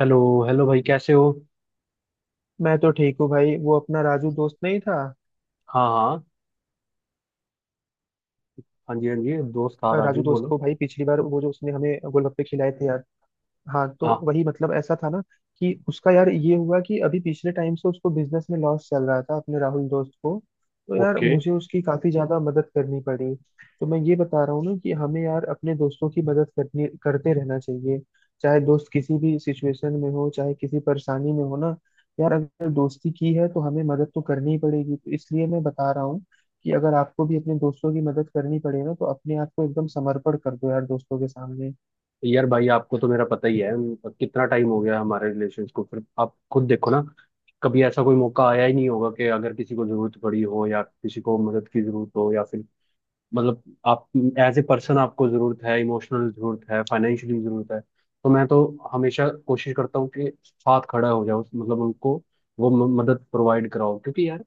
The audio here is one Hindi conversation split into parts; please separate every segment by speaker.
Speaker 1: हेलो। हेलो भाई, कैसे हो?
Speaker 2: मैं तो ठीक हूँ भाई। वो अपना राजू दोस्त नहीं था
Speaker 1: हाँ, हाँ। हाँ जी, हाँ जी। दोस्त था, राजू
Speaker 2: राजू दोस्त।
Speaker 1: बोलो।
Speaker 2: को भाई पिछली बार वो जो उसने हमें गोलगप्पे खिलाए थे, याद? हाँ, तो
Speaker 1: हाँ।
Speaker 2: वही, मतलब ऐसा था ना कि उसका, यार ये हुआ कि अभी पिछले टाइम से उसको बिजनेस में लॉस चल रहा था, अपने राहुल दोस्त को। तो यार
Speaker 1: ओके।
Speaker 2: मुझे उसकी काफी ज्यादा मदद करनी पड़ी। तो मैं ये बता रहा हूँ ना कि हमें यार अपने दोस्तों की मदद करनी, करते रहना चाहिए। चाहे दोस्त किसी भी सिचुएशन में हो, चाहे किसी परेशानी में हो ना, यार अगर दोस्ती की है तो हमें मदद तो करनी ही पड़ेगी। तो इसलिए मैं बता रहा हूँ कि अगर आपको भी अपने दोस्तों की मदद करनी पड़े ना, तो अपने आप को एकदम समर्पण कर दो यार दोस्तों के सामने।
Speaker 1: यार भाई, आपको तो मेरा पता ही है। कितना टाइम हो गया हमारे रिलेशन को। फिर आप खुद देखो ना, कभी ऐसा कोई मौका आया ही नहीं होगा कि अगर किसी को जरूरत पड़ी हो या किसी को मदद की जरूरत हो, या फिर मतलब आप एज ए पर्सन, आपको जरूरत है, इमोशनल जरूरत है, फाइनेंशियली जरूरत है। तो मैं तो हमेशा कोशिश करता हूँ कि साथ खड़ा हो जाऊँ, मतलब उनको वो मदद प्रोवाइड कराओ, क्योंकि यार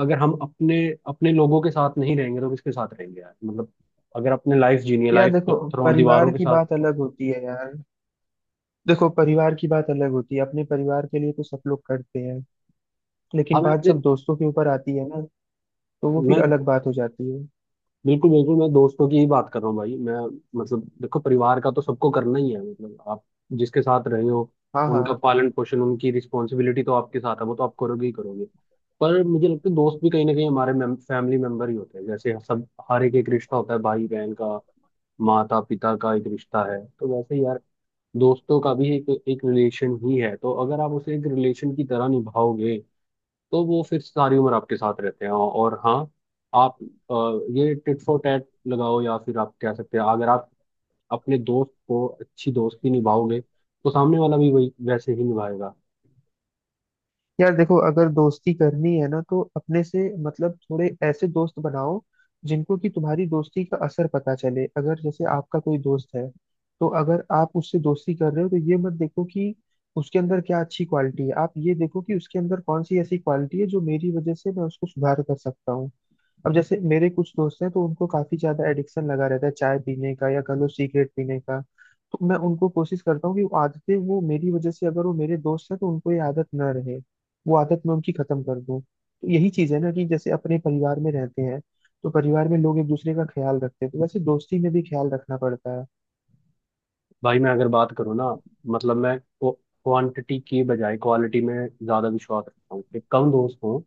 Speaker 1: अगर हम अपने अपने लोगों के साथ नहीं रहेंगे तो किसके साथ रहेंगे यार। मतलब अगर अपने लाइफ जीनी है,
Speaker 2: यार
Speaker 1: लाइफ
Speaker 2: देखो,
Speaker 1: पत्थरों दीवारों
Speaker 2: परिवार
Speaker 1: के
Speaker 2: की
Speaker 1: साथ।
Speaker 2: बात अलग होती है यार। देखो, परिवार की बात अलग होती है। अपने परिवार के लिए तो सब लोग करते हैं। लेकिन
Speaker 1: हमें
Speaker 2: बात
Speaker 1: अपने।
Speaker 2: जब दोस्तों के ऊपर आती है ना, तो वो फिर
Speaker 1: मैं
Speaker 2: अलग बात हो जाती है।
Speaker 1: बिल्कुल बिल्कुल, मैं दोस्तों की ही बात कर रहा हूँ भाई। मैं मतलब देखो, परिवार का तो सबको करना ही है, मतलब आप जिसके साथ रहे हो
Speaker 2: हाँ,
Speaker 1: उनका
Speaker 2: हाँ।
Speaker 1: पालन पोषण, उनकी रिस्पॉन्सिबिलिटी तो आपके साथ है, वो तो आप करोगे ही करोगे। पर मुझे लगता है दोस्त भी कहीं ना कहीं हमारे फैमिली मेंबर ही होते हैं। जैसे सब हर एक एक रिश्ता होता है, भाई बहन का, माता पिता का एक रिश्ता है, तो वैसे ही यार दोस्तों का भी एक एक रिलेशन ही है। तो अगर आप उसे एक रिलेशन की तरह निभाओगे तो वो फिर सारी उम्र आपके साथ रहते हैं। और हाँ, आप ये टिट फॉर टैट लगाओ, या फिर आप कह सकते हैं अगर आप अपने दोस्त को अच्छी दोस्ती निभाओगे तो सामने वाला भी वही, वैसे ही निभाएगा।
Speaker 2: यार देखो, अगर दोस्ती करनी है ना, तो अपने से मतलब थोड़े ऐसे दोस्त बनाओ जिनको कि तुम्हारी दोस्ती का असर पता चले। अगर जैसे आपका कोई दोस्त है, तो अगर आप उससे दोस्ती कर रहे हो, तो ये मत देखो कि उसके अंदर क्या अच्छी क्वालिटी है। आप ये देखो कि उसके अंदर कौन सी ऐसी क्वालिटी है जो मेरी वजह से मैं उसको सुधार कर सकता हूँ। अब जैसे मेरे कुछ दोस्त हैं, तो उनको काफी ज्यादा एडिक्शन लगा रहता है चाय पीने का, या कह लो सिगरेट पीने का। तो मैं उनको कोशिश करता हूँ कि वो आदतें वो मेरी वजह से, अगर वो मेरे दोस्त हैं तो उनको ये आदत न रहे, वो आदत मैं उनकी खत्म कर दूँ। तो यही चीज है ना, कि जैसे अपने परिवार में रहते हैं तो परिवार में लोग एक दूसरे का ख्याल रखते हैं, तो वैसे दोस्ती में भी ख्याल रखना पड़ता है।
Speaker 1: भाई मैं अगर बात करूँ ना, मतलब मैं क्वांटिटी की बजाय क्वालिटी में ज़्यादा विश्वास रखता हूँ, कि कम दोस्त हों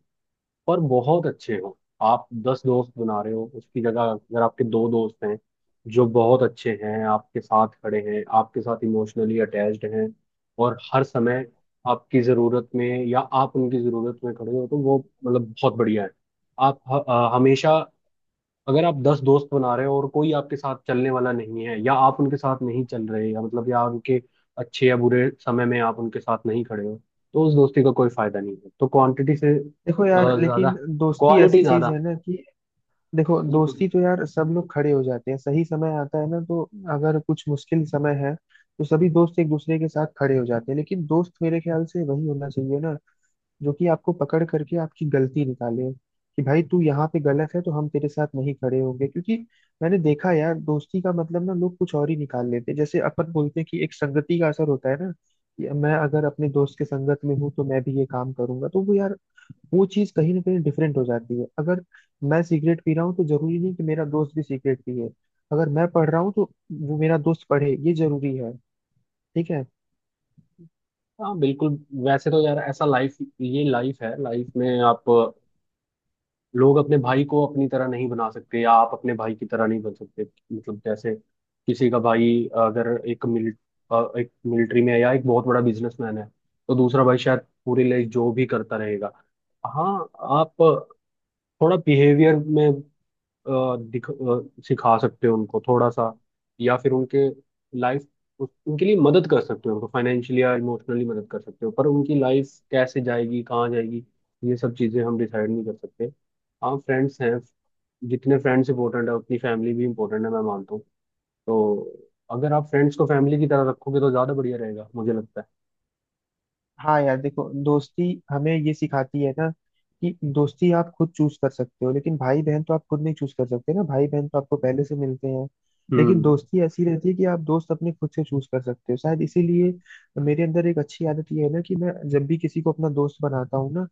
Speaker 1: और बहुत अच्छे हो। आप दस दोस्त बना रहे हो, उसकी जगह अगर आपके दो दोस्त हैं जो बहुत अच्छे हैं, आपके साथ खड़े हैं, आपके साथ इमोशनली अटैच्ड हैं और हर समय आपकी ज़रूरत में या आप उनकी ज़रूरत में खड़े हो, तो वो मतलब बहुत बढ़िया है। आप हमेशा, अगर आप दस दोस्त बना रहे हो और कोई आपके साथ चलने वाला नहीं है या आप उनके साथ नहीं चल रहे, या मतलब या उनके अच्छे या बुरे समय में आप उनके साथ नहीं खड़े हो, तो उस दोस्ती का कोई फायदा नहीं है। तो क्वांटिटी से
Speaker 2: देखो यार,
Speaker 1: ज्यादा
Speaker 2: लेकिन दोस्ती
Speaker 1: क्वालिटी
Speaker 2: ऐसी चीज
Speaker 1: ज्यादा।
Speaker 2: है ना कि, देखो,
Speaker 1: बिल्कुल।
Speaker 2: दोस्ती तो यार सब लोग खड़े हो जाते हैं सही समय आता है ना तो। अगर कुछ मुश्किल समय है, तो सभी दोस्त एक दूसरे के साथ खड़े हो जाते हैं। लेकिन दोस्त मेरे ख्याल से वही होना चाहिए ना, जो कि आपको पकड़ करके आपकी गलती निकाले कि भाई तू यहाँ पे गलत है, तो हम तेरे साथ नहीं खड़े होंगे। क्योंकि मैंने देखा यार, दोस्ती का मतलब ना लोग कुछ और ही निकाल लेते हैं। जैसे अपन बोलते हैं कि एक संगति का असर होता है ना, कि मैं अगर अपने दोस्त के संगत में हूँ तो मैं भी ये काम करूंगा, तो वो यार, वो चीज कहीं ना कहीं डिफरेंट हो जाती है। अगर मैं सिगरेट पी रहा हूँ, तो जरूरी नहीं कि मेरा दोस्त भी सिगरेट पिए। अगर मैं पढ़ रहा हूँ, तो वो मेरा दोस्त पढ़े ये जरूरी है। ठीक है।
Speaker 1: हाँ, बिल्कुल। वैसे तो यार ऐसा लाइफ, ये लाइफ है, लाइफ में आप लोग अपने भाई को अपनी तरह नहीं बना सकते, या आप अपने भाई की तरह नहीं बन सकते। मतलब जैसे किसी का भाई, अगर एक मिलिट्री में है या एक बहुत बड़ा बिजनेसमैन है, तो दूसरा भाई शायद पूरी लाइफ जो भी करता रहेगा। हाँ, आप थोड़ा बिहेवियर में अ, सिखा सकते हो उनको, थोड़ा सा, या फिर लाइफ उनके लिए मदद कर सकते हो, उनको फाइनेंशियली या इमोशनली मदद कर सकते हो, पर उनकी लाइफ कैसे जाएगी, कहाँ जाएगी, ये सब चीज़ें हम डिसाइड नहीं कर सकते। हाँ, फ्रेंड्स हैं, जितने फ्रेंड्स इंपॉर्टेंट है उतनी फैमिली भी इंपॉर्टेंट है, मैं मानता हूँ। तो अगर आप फ्रेंड्स को फैमिली की तरह रखोगे तो ज़्यादा बढ़िया रहेगा, मुझे लगता है।
Speaker 2: हाँ यार देखो, दोस्ती हमें ये सिखाती है ना कि दोस्ती आप खुद चूज कर सकते हो, लेकिन भाई बहन तो आप खुद नहीं चूज कर सकते ना, भाई बहन तो आपको पहले से मिलते हैं। लेकिन
Speaker 1: हम्म।
Speaker 2: दोस्ती ऐसी रहती है कि आप दोस्त अपने खुद से चूज कर सकते हो। शायद इसीलिए मेरे अंदर एक अच्छी आदत ये है ना कि मैं जब भी किसी को अपना दोस्त बनाता हूँ ना,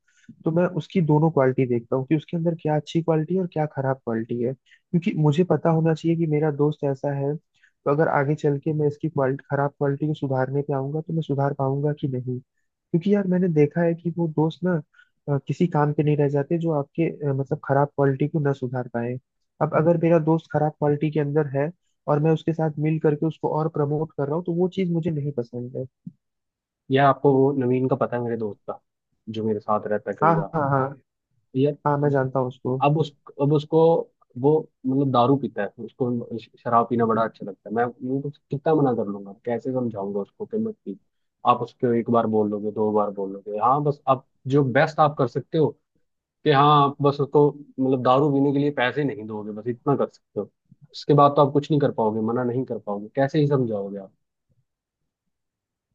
Speaker 2: तो मैं उसकी दोनों क्वालिटी देखता हूँ कि उसके अंदर क्या अच्छी क्वालिटी है और क्या खराब क्वालिटी है। क्योंकि मुझे पता होना चाहिए कि मेरा दोस्त ऐसा है, तो अगर आगे चल के मैं इसकी क्वालिटी, खराब क्वालिटी को सुधारने पे आऊंगा, तो मैं सुधार पाऊंगा कि नहीं। क्योंकि यार मैंने देखा है कि वो दोस्त ना किसी काम के नहीं रह जाते जो आपके, मतलब खराब क्वालिटी को ना सुधार पाए। अब अगर मेरा दोस्त खराब क्वालिटी के अंदर है, और मैं उसके साथ मिल करके उसको और प्रमोट कर रहा हूँ, तो वो चीज मुझे नहीं पसंद है।
Speaker 1: यह आपको वो नवीन का पता है, मेरे दोस्त का, जो मेरे साथ रहता है कई
Speaker 2: हाँ,
Speaker 1: बार?
Speaker 2: हाँ, हाँ।
Speaker 1: यार,
Speaker 2: हाँ, मैं जानता हूँ उसको।
Speaker 1: अब उस अब उसको, वो मतलब दारू पीता है, उसको शराब पीना बड़ा अच्छा लगता है। मैं कुछ कितना मना कर लूंगा, कैसे समझाऊंगा उसको कि मत पी। आप उसको एक बार बोल लोगे, दो बार बोल लोगे, हाँ, बस आप जो बेस्ट आप कर सकते हो, कि हाँ आप बस उसको मतलब दारू पीने के लिए पैसे नहीं दोगे, बस इतना कर सकते हो। उसके बाद तो आप कुछ नहीं कर पाओगे, मना नहीं कर पाओगे, कैसे ही समझाओगे आप।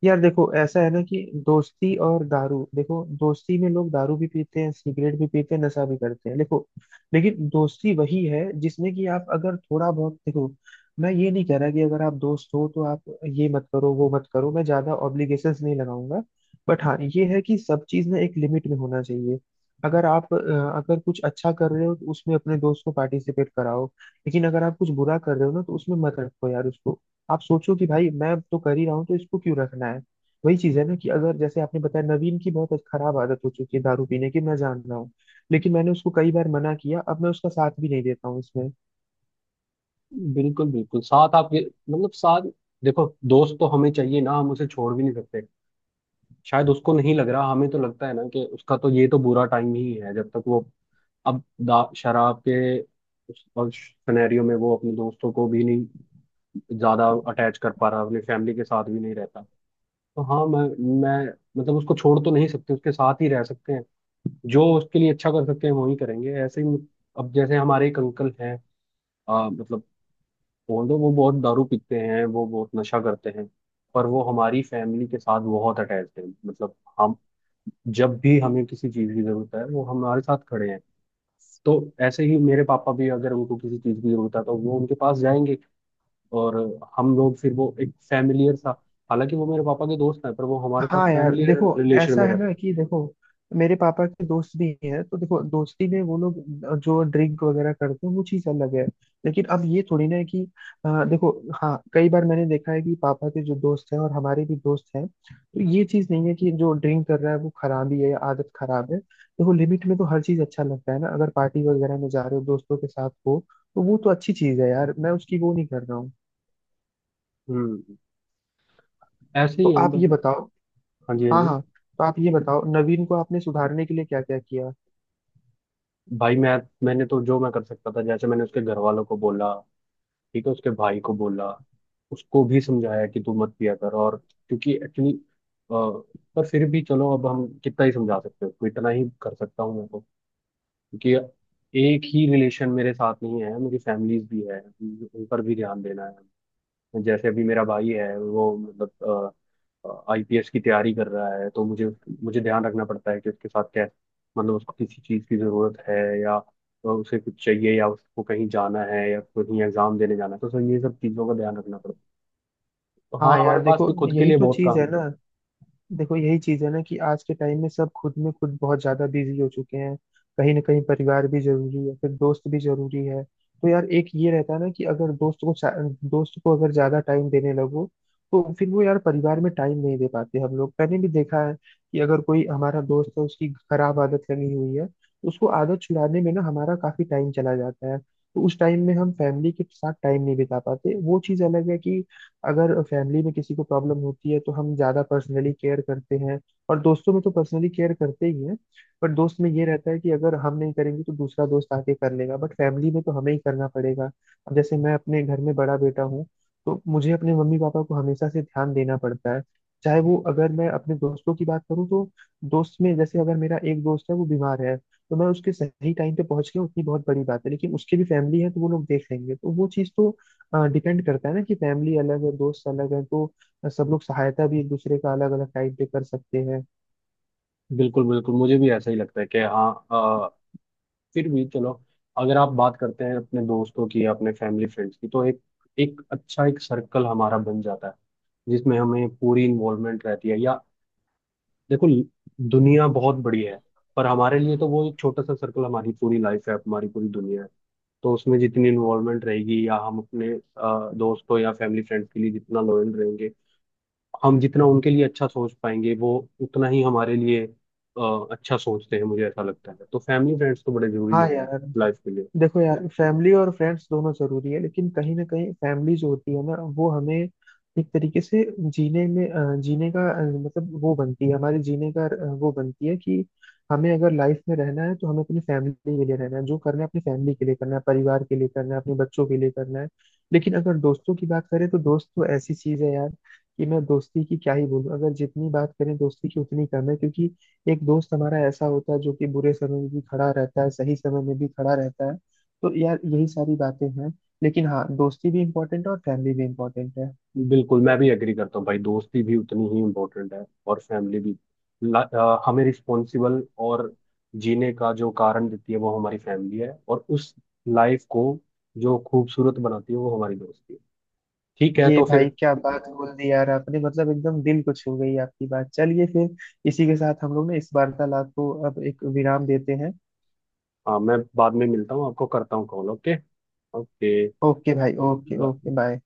Speaker 2: यार देखो, ऐसा है ना कि दोस्ती और दारू, देखो दोस्ती में लोग दारू भी पीते हैं, सिगरेट भी पीते हैं, नशा भी करते हैं। देखो, लेकिन दोस्ती वही है जिसमें कि आप अगर थोड़ा बहुत, देखो मैं ये नहीं कह रहा कि अगर आप दोस्त हो तो आप ये मत करो वो मत करो, मैं ज्यादा ऑब्लिगेशंस नहीं लगाऊंगा। बट हाँ, ये है कि सब चीज ना एक लिमिट में होना चाहिए। अगर आप अ, अगर कुछ अच्छा कर रहे हो, तो उसमें अपने दोस्त को पार्टिसिपेट कराओ। लेकिन अगर आप कुछ बुरा कर रहे हो ना, तो उसमें मत रखो यार उसको। आप सोचो कि भाई मैं तो कर ही रहा हूँ, तो इसको क्यों रखना है। वही चीज है ना कि अगर जैसे आपने बताया, नवीन की बहुत खराब आदत हो चुकी है दारू पीने की, मैं जान रहा हूँ। लेकिन मैंने उसको कई बार मना किया, अब मैं उसका साथ भी नहीं देता हूँ इसमें।
Speaker 1: बिल्कुल बिल्कुल, साथ आप मतलब साथ, देखो दोस्त तो हमें चाहिए ना, हम उसे छोड़ भी नहीं सकते। शायद उसको नहीं लग रहा, हमें तो लगता है ना कि उसका तो ये तो बुरा टाइम ही है, जब तक वो। अब शराब के उस सिनेरियो में वो अपने दोस्तों को भी नहीं ज्यादा अटैच कर पा रहा, अपनी फैमिली के साथ भी नहीं रहता। तो हाँ मैं मतलब उसको छोड़ तो नहीं सकते, उसके साथ ही रह सकते हैं, जो उसके लिए अच्छा कर सकते हैं वो ही करेंगे। ऐसे ही, अब जैसे हमारे एक अंकल हैं, मतलब ऑल्दो वो बहुत दारू पीते हैं, वो बहुत नशा करते हैं, पर वो हमारी फैमिली के साथ बहुत अटैच है। मतलब हम, जब भी हमें किसी चीज की जरूरत है, वो हमारे साथ खड़े हैं। तो ऐसे ही मेरे पापा भी, अगर उनको किसी चीज की जरूरत है तो वो उनके पास जाएंगे, और हम लोग फिर वो एक फैमिलियर सा। हालांकि वो मेरे पापा के दोस्त हैं, पर वो हमारे साथ
Speaker 2: हाँ यार
Speaker 1: फैमिलियर
Speaker 2: देखो,
Speaker 1: रिलेशन
Speaker 2: ऐसा
Speaker 1: में
Speaker 2: है
Speaker 1: रहते
Speaker 2: ना
Speaker 1: हैं।
Speaker 2: कि देखो मेरे पापा के दोस्त भी हैं, तो देखो दोस्ती में वो लोग जो ड्रिंक वगैरह करते हैं, वो चीज अलग है। लेकिन अब ये थोड़ी ना है कि, देखो, हाँ कई बार मैंने देखा है कि पापा के जो दोस्त हैं और हमारे भी दोस्त हैं, तो ये चीज नहीं है कि जो ड्रिंक कर रहा है वो खराब ही है या आदत खराब है। देखो लिमिट में तो हर चीज अच्छा लगता है ना, अगर पार्टी वगैरह में जा रहे हो, दोस्तों के साथ हो, तो वो तो अच्छी चीज है यार, मैं उसकी वो नहीं कर रहा हूँ।
Speaker 1: हम्म। ऐसे
Speaker 2: तो
Speaker 1: ही है
Speaker 2: आप ये
Speaker 1: मतलब।
Speaker 2: बताओ,
Speaker 1: हाँ जी, हाँ
Speaker 2: हाँ,
Speaker 1: जी।
Speaker 2: हाँ, तो आप ये बताओ नवीन को आपने सुधारने के लिए क्या क्या किया।
Speaker 1: भाई मैंने तो जो मैं कर सकता था, जैसे मैंने उसके घर वालों को बोला, ठीक है, उसके भाई को बोला, उसको भी समझाया कि तू मत पिया कर, और क्योंकि एक्चुअली, पर फिर भी चलो, अब हम कितना ही समझा सकते हैं उसको, इतना ही कर सकता हूँ मैं तो, क्योंकि एक ही रिलेशन मेरे साथ नहीं है, मेरी फैमिलीज भी है, उन पर भी ध्यान देना है। जैसे अभी मेरा भाई है, वो मतलब आईपीएस की तैयारी कर रहा है, तो मुझे मुझे ध्यान रखना पड़ता है कि उसके साथ क्या, मतलब उसको किसी चीज़ की ज़रूरत है, या उसे कुछ चाहिए, या उसको कहीं जाना है, या कहीं एग्ज़ाम देने जाना है, तो सर ये सब चीज़ों का ध्यान रखना पड़ता है। तो हाँ,
Speaker 2: हाँ
Speaker 1: हमारे
Speaker 2: यार
Speaker 1: पास
Speaker 2: देखो,
Speaker 1: भी खुद के
Speaker 2: यही
Speaker 1: लिए
Speaker 2: तो
Speaker 1: बहुत
Speaker 2: चीज
Speaker 1: काम
Speaker 2: है
Speaker 1: है।
Speaker 2: ना। देखो यही चीज है ना कि आज के टाइम में सब खुद में खुद बहुत ज्यादा बिजी हो चुके हैं। कहीं ना कहीं परिवार भी जरूरी है, फिर दोस्त भी जरूरी है। तो यार एक ये रहता है ना कि अगर दोस्त को अगर ज्यादा टाइम देने लगो, तो फिर वो यार परिवार में टाइम नहीं दे पाते हम लोग। मैंने भी देखा है कि अगर कोई हमारा दोस्त है, उसकी खराब आदत लगी हुई है, तो उसको आदत छुड़ाने में ना हमारा काफी टाइम चला जाता है। तो उस टाइम में हम फैमिली के साथ टाइम नहीं बिता पाते। वो चीज अलग है कि अगर फैमिली में किसी को प्रॉब्लम होती है, तो हम ज्यादा पर्सनली केयर करते हैं, और दोस्तों में तो पर्सनली केयर करते ही हैं। बट दोस्त में ये रहता है कि अगर हम नहीं करेंगे, तो दूसरा दोस्त आके कर लेगा। बट फैमिली में तो हमें ही करना पड़ेगा। अब जैसे मैं अपने घर में बड़ा बेटा हूँ, तो मुझे अपने मम्मी पापा को हमेशा से ध्यान देना पड़ता है। चाहे वो, अगर मैं अपने दोस्तों की बात करूँ तो, दोस्त में जैसे अगर मेरा एक दोस्त है, वो बीमार है, तो मैं उसके सही टाइम पे पहुंच गया उतनी बहुत बड़ी बात है। लेकिन उसके भी फैमिली है, तो वो लोग देख लेंगे। तो वो चीज़ तो डिपेंड करता है ना कि फैमिली अलग है, दोस्त अलग है, तो सब लोग सहायता भी एक दूसरे का अलग अलग टाइप पे कर सकते हैं।
Speaker 1: बिल्कुल बिल्कुल, मुझे भी ऐसा ही लगता है कि हाँ। फिर भी चलो, अगर आप बात करते हैं अपने दोस्तों की या अपने फैमिली फ्रेंड्स की, तो एक एक अच्छा एक सर्कल हमारा बन जाता है, जिसमें हमें पूरी इन्वॉल्वमेंट रहती है। या देखो दुनिया बहुत बड़ी है, पर हमारे लिए तो वो एक छोटा सा सर्कल हमारी पूरी लाइफ है, हमारी पूरी दुनिया है। तो उसमें जितनी इन्वॉल्वमेंट रहेगी, या हम अपने दोस्तों या फैमिली फ्रेंड्स के लिए जितना लॉयल रहेंगे, हम जितना उनके लिए अच्छा सोच पाएंगे, वो उतना ही हमारे लिए अच्छा सोचते हैं, मुझे ऐसा लगता है। तो फैमिली फ्रेंड्स तो बड़े जरूरी
Speaker 2: हाँ।
Speaker 1: है यार,
Speaker 2: यार
Speaker 1: लाइफ के लिए।
Speaker 2: देखो यार फैमिली और फ्रेंड्स दोनों जरूरी है, लेकिन कहीं ना कहीं फैमिली जो होती है ना, वो हमें एक तरीके से जीने में, जीने का, मतलब वो बनती है हमारे जीने का, वो बनती है कि हमें अगर लाइफ में रहना है, तो हमें अपनी फैमिली के लिए रहना है। जो करना है अपनी फैमिली के लिए करना है, परिवार के लिए करना है, अपने बच्चों के लिए करना है। लेकिन अगर दोस्तों की बात करें, तो दोस्त तो ऐसी चीज है यार कि मैं दोस्ती की क्या ही बोलूं, अगर जितनी बात करें दोस्ती की उतनी कम है। क्योंकि एक दोस्त हमारा ऐसा होता है जो कि बुरे समय में भी खड़ा रहता है, सही समय में भी खड़ा रहता है। तो यार यही सारी बातें हैं। लेकिन हाँ, दोस्ती भी इम्पोर्टेंट है और फैमिली भी इम्पोर्टेंट है।
Speaker 1: बिल्कुल, मैं भी एग्री करता हूँ भाई, दोस्ती भी उतनी ही इम्पोर्टेंट है और फैमिली भी। हमें रिस्पॉन्सिबल और जीने का जो कारण देती है वो हमारी फैमिली है, और उस लाइफ को जो खूबसूरत बनाती है वो हमारी दोस्ती है। ठीक है,
Speaker 2: ये
Speaker 1: तो
Speaker 2: भाई
Speaker 1: फिर
Speaker 2: क्या बात बोल दी यार आपने, मतलब एकदम दिल को छू गई आपकी बात। चलिए फिर, इसी के साथ हम लोग ने इस वार्तालाप को अब एक विराम देते हैं।
Speaker 1: हाँ, मैं बाद में मिलता हूँ आपको, करता हूँ कॉल। ओके। ओके।
Speaker 2: ओके भाई, ओके, ओके, बाय।